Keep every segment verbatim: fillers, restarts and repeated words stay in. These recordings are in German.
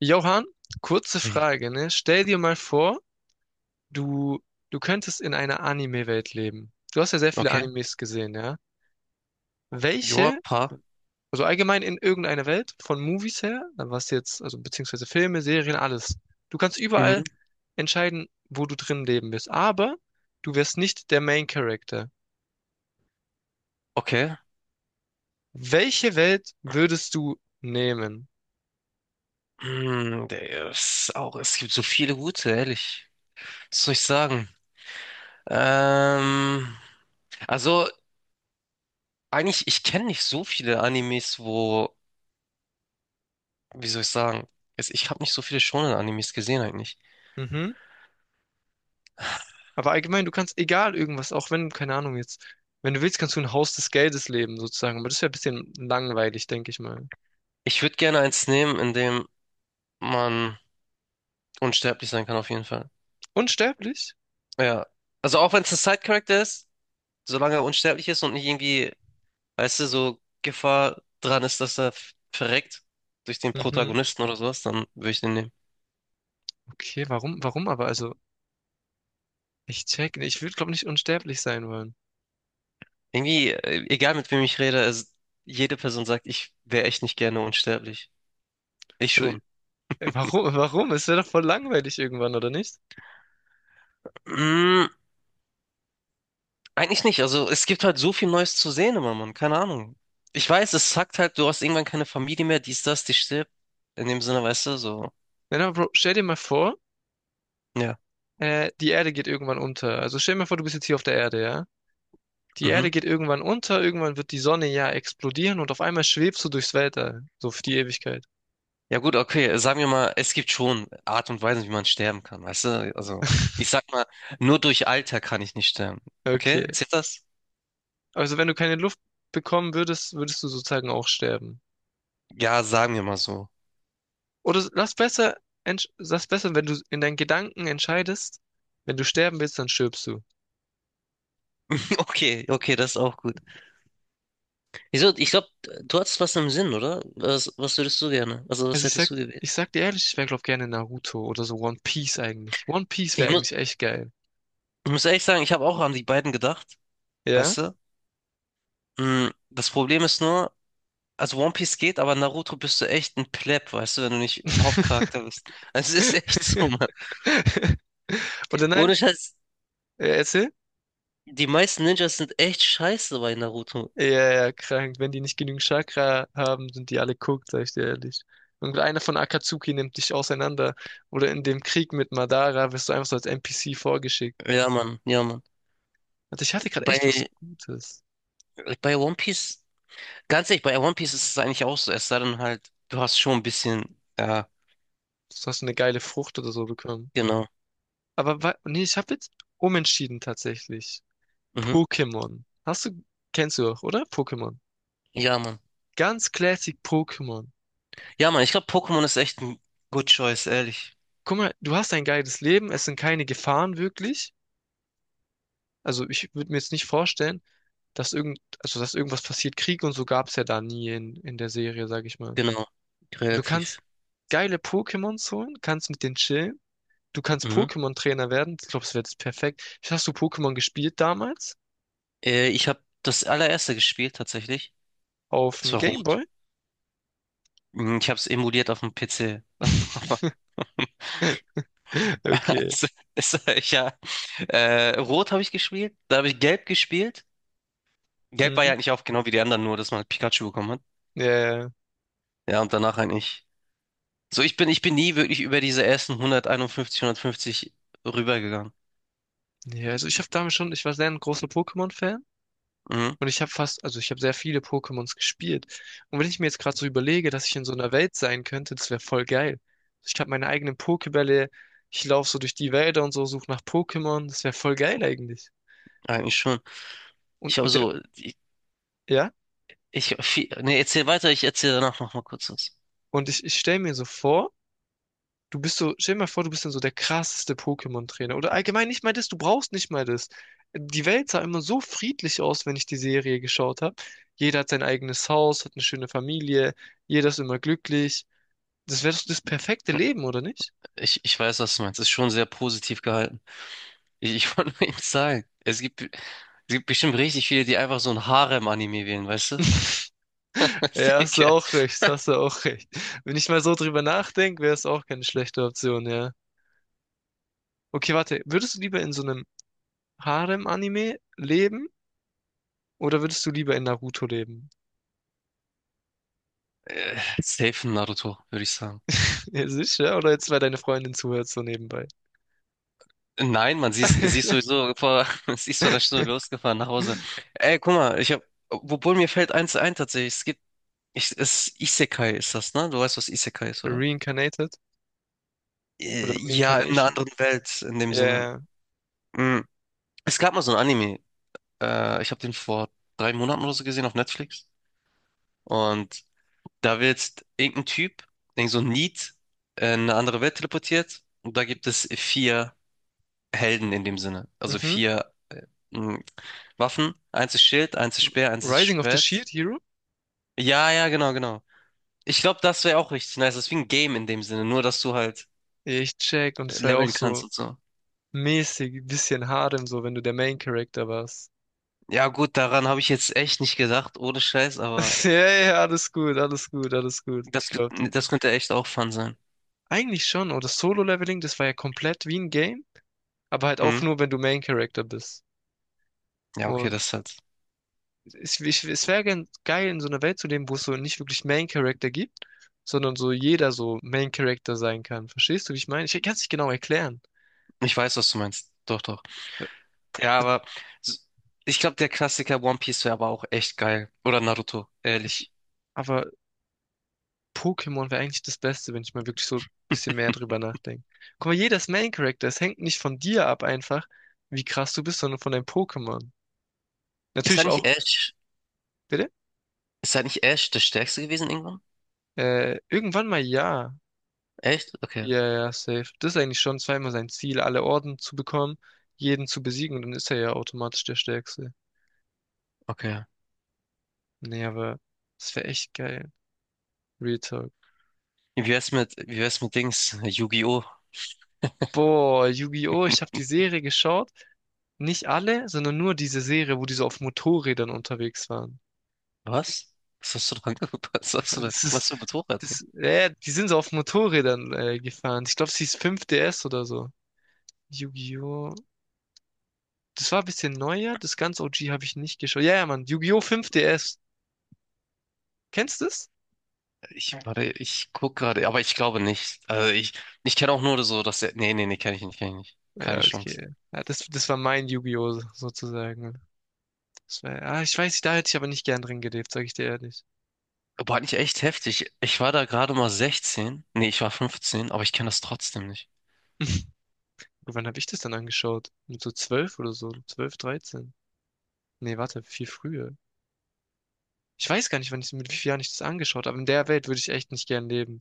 Johann, kurze Ich- Frage, ne? Stell dir mal vor, du, du könntest in einer Anime-Welt leben. Du hast ja sehr viele Okay. Animes gesehen, ja? Joa, Welche, paar. also allgemein in irgendeiner Welt, von Movies her, dann was jetzt, also beziehungsweise Filme, Serien, alles. Du kannst überall Mhm. entscheiden, wo du drin leben willst, aber du wärst nicht der Main Character. Okay. Welche Welt würdest du nehmen? Hm, der ist auch, es gibt so viele gute, ehrlich. Was soll ich sagen? Ähm, also, eigentlich, ich kenne nicht so viele Animes, wo, wie soll ich sagen? Es- Ich habe nicht so viele Shonen-Animes gesehen eigentlich. Mhm. Aber allgemein, du kannst egal irgendwas, auch wenn, keine Ahnung jetzt, wenn du willst, kannst du ein Haus des Geldes leben, sozusagen. Aber das wäre ein bisschen langweilig, denke ich mal. Ich würde gerne eins nehmen, in dem man unsterblich sein kann, auf jeden Fall. Unsterblich? Ja. Also auch wenn es ein Side-Character ist, solange er unsterblich ist und nicht irgendwie, weißt du, so Gefahr dran ist, dass er f- verreckt durch den Mhm. Protagonisten oder sowas, dann würde ich den nehmen. Okay, warum, warum aber? Also, ich check, nee, ich würde, glaube nicht unsterblich sein wollen. Irgendwie, äh, egal mit wem ich rede, es, jede Person sagt, ich wäre echt nicht gerne unsterblich. Ich Also, schon. äh, warum, warum? Es wäre doch voll langweilig irgendwann, oder nicht? Mm, Eigentlich nicht. Also es gibt halt so viel Neues zu sehen immer, Mann. Keine Ahnung. Ich weiß, es sagt halt, du hast irgendwann keine Familie mehr, dies, das, die stirbt. In dem Sinne, weißt du, so. Nein, aber Bro, stell dir mal vor, Ja. äh, die Erde geht irgendwann unter. Also stell dir mal vor, du bist jetzt hier auf der Erde, ja? Die Mhm. Erde geht irgendwann unter, irgendwann wird die Sonne ja explodieren und auf einmal schwebst du durchs Weltall. So für die Ewigkeit. Ja, gut, okay, sagen wir mal, es gibt schon Art und Weisen, wie man sterben kann, weißt du? Also, ich sag mal, nur durch Alter kann ich nicht sterben. Okay. Okay? Zählt das? Also wenn du keine Luft bekommen würdest, würdest du sozusagen auch sterben. Ja, sagen wir mal so. Oder lass besser, entsch- lass besser, wenn du in deinen Gedanken entscheidest, wenn du sterben willst, dann stirbst du. Okay, okay, das ist auch gut. Wieso? Ich glaube, du hattest was im Sinn, oder? Was, was würdest du gerne? Also, was Also ich hättest sag, du gewählt? ich sag dir ehrlich, ich wäre glaube gerne Naruto oder so One Piece eigentlich. One Piece wäre Ich muss, eigentlich echt geil. ich muss ehrlich sagen, ich habe auch an die beiden gedacht, Ja? weißt du? Mm, Das Problem ist nur, also One Piece geht, aber Naruto bist du echt ein Pleb, weißt du, wenn du nicht Hauptcharakter bist. Es ist echt so, Mann. Oder nein? Ohne Scheiß. Äh, erzähl? Die meisten Ninjas sind echt scheiße bei Naruto. Ja, ja, ja, krank. Wenn die nicht genügend Chakra haben, sind die alle cooked, sag ich dir ehrlich. Und einer von Akatsuki nimmt dich auseinander. Oder in dem Krieg mit Madara wirst du einfach so als N P C vorgeschickt. Ja, Mann, ja, Mann. Also ich hatte gerade echt was Bei, Gutes. bei One Piece, ganz ehrlich, bei One Piece ist es eigentlich auch so, es sei denn halt, du hast schon ein bisschen, ja, Du hast eine geile Frucht oder so bekommen. genau. Aber wa- nee, ich habe jetzt umentschieden tatsächlich. Mhm. Pokémon. Hast du, kennst du auch, oder? Pokémon. Ja, Mann. Ganz classic Pokémon. Ja, Mann, ich glaube, Pokémon ist echt ein Good Choice, ehrlich. Guck mal, du hast ein geiles Leben, es sind keine Gefahren wirklich. Also ich würde mir jetzt nicht vorstellen, dass irgend, also dass irgendwas passiert. Krieg und so gab's ja da nie in, in der Serie, sag ich mal. Genau, Du relativ. kannst geile Pokémons holen, kannst mit denen chillen. Du kannst Mhm. Pokémon-Trainer werden. Ich glaube, das wäre das perfekt. Hast du Pokémon gespielt damals? Äh, ich habe das allererste gespielt, tatsächlich. Auf Es dem war rot. Gameboy? Mhm, Ich habe es emuliert auf dem P C. Aber Okay. es- es- ja, äh, rot habe ich gespielt, da habe ich gelb gespielt. Gelb war ja Mhm. eigentlich auch genau wie die anderen, nur dass man halt Pikachu bekommen hat. Ja, ja. Ja, und danach eigentlich. So, ich bin, ich bin nie wirklich über diese ersten hunderteinundfünfzig, hundertfünfzig rübergegangen. Ja, ja, also ich habe damals schon, ich war sehr ein großer Pokémon-Fan. Mhm, Und ich habe fast, also ich habe sehr viele Pokémons gespielt. Und wenn ich mir jetzt gerade so überlege, dass ich in so einer Welt sein könnte, das wäre voll geil. Ich habe meine eigenen Pokébälle, ich laufe so durch die Wälder und so, suche nach Pokémon, das wäre voll geil eigentlich. eigentlich schon. Ich Und, habe und der, so, ich, ja, ich, viel, nee, erzähl weiter, ich erzähle danach noch mal kurz was. und ich, ich stell mir so vor, du bist so, stell dir mal vor, du bist dann so der krasseste Pokémon-Trainer. Oder allgemein nicht mal das, du brauchst nicht mal das. Die Welt sah immer so friedlich aus, wenn ich die Serie geschaut habe. Jeder hat sein eigenes Haus, hat eine schöne Familie, jeder ist immer glücklich. Das wäre doch das perfekte Leben, oder nicht? Ich, ich weiß, was du meinst. Ist schon sehr positiv gehalten. Ich, ich wollte nur eben sagen, es gibt, es gibt bestimmt richtig viele, die einfach so ein Harem-Anime wählen, weißt du? Weißt du, Ja, hast ich, du äh, auch recht, hast du auch recht. Wenn ich mal so drüber nachdenke, wäre es auch keine schlechte Option, ja. Okay, warte, würdest du lieber in so einem Harem-Anime leben oder würdest du lieber in Naruto leben? safe ein Naruto, würde ich sagen. Ja, sicher, ja, oder jetzt, weil deine Freundin zuhört, so nebenbei. Nein, man, siehst siehst sowieso vor, sie ist vor einer Stunde losgefahren nach Hause. Ey, guck mal, ich hab, obwohl mir fällt eins ein tatsächlich, es gibt, ich, es, Isekai ist das, ne? Du weißt, was Isekai ist, oder? Reincarnated oder Äh, Ja, in einer Reincarnation. anderen Welt, in dem Ja, Sinne. ja, Mm. Es gab mal so ein Anime, äh, ich habe den vor drei Monaten oder so gesehen auf Netflix. Und da wird irgendein Typ, irgend so ein Need, äh, in eine andere Welt teleportiert. Und da gibt es vier Helden in dem Sinne. ja. Also Mhm. vier hm, Waffen, eins ist Schild, eins ist Speer, eins ist Rising of the Schwert. Shield Hero? Ja, ja, genau, genau. Ich glaube, das wäre auch richtig nice. Das ist wie ein Game in dem Sinne, nur dass du halt Ja, ich check, und es war ja auch leveln so kannst und so. mäßig, bisschen Harem, so wenn du der Main Character warst. Ja, gut, daran habe ich jetzt echt nicht gedacht, ohne Scheiß, aber Ja, ja, alles gut, alles gut, alles gut. Ich das, ge- glaube dir. das könnte echt auch fun sein. Eigentlich schon, oder Solo-Leveling, das war ja komplett wie ein Game, aber halt auch Mhm. nur, wenn du Main-Character bist. Ja, okay, Und das ist halt. es, ich- es wäre gen- geil, in so einer Welt zu leben, wo es so nicht wirklich Main-Character gibt, sondern so jeder so Main-Character sein kann. Verstehst du, wie ich meine? Ich kann es nicht genau erklären. Ich weiß, was du meinst. Doch, doch. Ja, aber s- ich glaube, der Klassiker One Piece wäre aber auch echt geil. Oder Naruto, Ich, ehrlich. aber Pokémon wäre eigentlich das Beste, wenn ich mal wirklich so ein bisschen mehr drüber nachdenke. Guck mal, jeder ist Main-Character. Es hängt nicht von dir ab einfach, wie krass du bist, sondern von deinem Pokémon. Ist da Natürlich nicht auch, Ash? bitte? Ist da nicht Ash der Stärkste gewesen irgendwann? Äh, irgendwann mal ja. Echt? Okay, Ja, ja, safe. Das ist eigentlich schon zweimal sein Ziel, alle Orden zu bekommen, jeden zu besiegen und dann ist er ja automatisch der Stärkste. okay. Nee, aber das wäre echt geil. Real Talk. Wie wär's mit, wie wär's mit Dings? Yu-Gi-Oh! Boah, Yu-Gi-Oh! Ich habe die Serie geschaut. Nicht alle, sondern nur diese Serie, wo die so auf Motorrädern unterwegs waren. Was? Was hast du da angeguckt? Was hast du da? Das ist, Was für ein Motorrad, ey? das, äh, die sind so auf Motorrädern äh, gefahren. Ich glaube, es hieß fünf D S oder so. Yu-Gi-Oh! Das war ein bisschen neuer. Das ganz O G habe ich nicht geschaut. Ja, ja, Mann. Yu-Gi-Oh! fünf D S. Kennst du das? Ich, warte, ich guck gerade, aber ich glaube nicht. Also ich, ich kenne auch nur so, dass der, nee, nee, nee, kenne ich nicht, kenne ich nicht. Keine Ja, Chance. okay. Ja, das, das war mein Yu-Gi-Oh! sozusagen, ne? Das war, ah, ich weiß nicht, da hätte ich aber nicht gern drin gelebt, sag ich dir ehrlich. Aber hat nicht echt heftig. Ich war da gerade mal sechzehn. Nee, ich war fünfzehn, aber ich kenne das trotzdem nicht. Und wann habe ich das dann angeschaut? Mit so zwölf oder so, zwölf, dreizehn. Nee, warte, viel früher. Ich weiß gar nicht, wann ich, mit wie vielen Jahren ich das angeschaut habe. In der Welt würde ich echt nicht gern leben.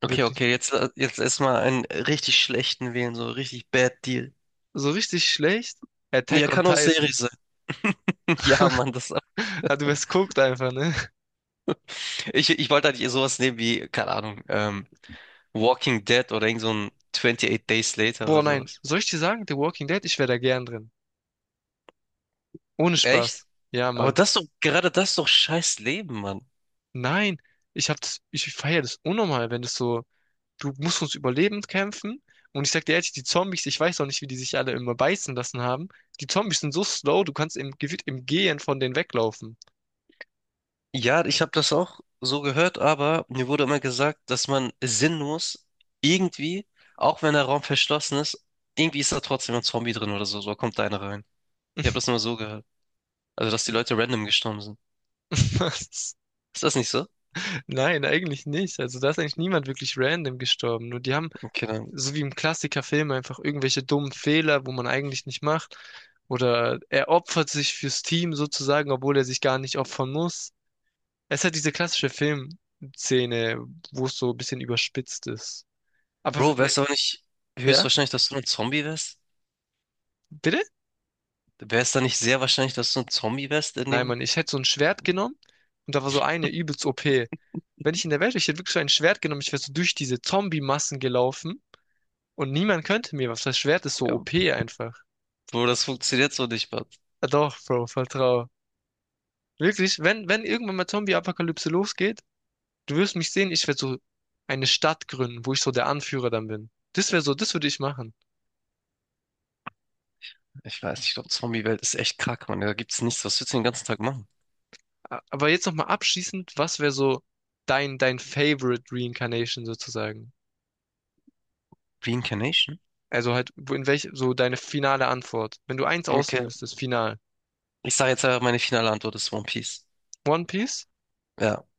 Okay, Wirklich. okay, jetzt, äh, jetzt erstmal einen richtig schlechten wählen, so richtig Bad Deal. So richtig schlecht? Ja, Attack on kann auch Serie Titan. sein. Ja, Mann, das, Ah, du wärst guckt einfach, ne? ich, ich wollte eigentlich sowas nehmen wie, keine Ahnung, ähm, Walking Dead oder irgend so ein achtundzwanzig Days Later oder Boah, nein. sowas. Soll ich dir sagen, The Walking Dead, ich wäre da gern drin. Ohne Echt? Spaß. Ja, Aber Mann. das ist doch, gerade das ist doch scheiß Leben, Mann. Nein. Ich hab das, ich feiere das unnormal, wenn das so. Du musst ums Überleben kämpfen. Und ich sag dir ehrlich, die Zombies, ich weiß auch nicht, wie die sich alle immer beißen lassen haben. Die Zombies sind so slow, du kannst im, gefühlt im Gehen von denen weglaufen. Ja, ich habe das auch so gehört, aber mir wurde immer gesagt, dass man sinnlos irgendwie, auch wenn der Raum verschlossen ist, irgendwie ist da trotzdem ein Zombie drin oder so, so kommt da einer rein. Ich habe das nur so gehört. Also, dass die Leute random gestorben sind. Was? Ist das nicht so? Nein, eigentlich nicht. Also da ist eigentlich niemand wirklich random gestorben. Nur die haben, Okay, dann. so wie im Klassikerfilm, einfach irgendwelche dummen Fehler, wo man eigentlich nicht macht. Oder er opfert sich fürs Team sozusagen, obwohl er sich gar nicht opfern muss. Es hat diese klassische Filmszene, wo es so ein bisschen überspitzt ist. Aber, Bro, w- wär's aber nicht ja, höchstwahrscheinlich, dass du ein Zombie wärst? bitte? Wär's da nicht sehr wahrscheinlich, dass du ein Zombie wärst in Nein, dem, Mann, ich hätte so ein Schwert genommen und da war so eine übelst O P. Wenn ich in der Welt wäre, ich hätte wirklich so ein Schwert genommen, ich wäre so durch diese Zombie-Massen gelaufen und niemand könnte mir was. Das Schwert ist so äh, O P einfach. wo das funktioniert so nicht. Ah, doch, Bro, vertrau. Wirklich, wenn, wenn irgendwann mal Zombie-Apokalypse losgeht, du wirst mich sehen, ich werde so eine Stadt gründen, wo ich so der Anführer dann bin. Das wäre so, das würde ich machen. Ich weiß nicht, ich glaube, Zombie-Welt ist echt krank, Mann. Da gibt's nichts. Was willst du den ganzen Tag machen? A- Aber jetzt nochmal abschließend, was wäre so dein, dein Favorite Reincarnation sozusagen? Reincarnation? Also halt, wo- in welch, so deine finale Antwort. Wenn du eins auswählen Okay. müsstest, final. Ich sage jetzt einfach, meine finale Antwort ist One Piece. One Piece, Ja.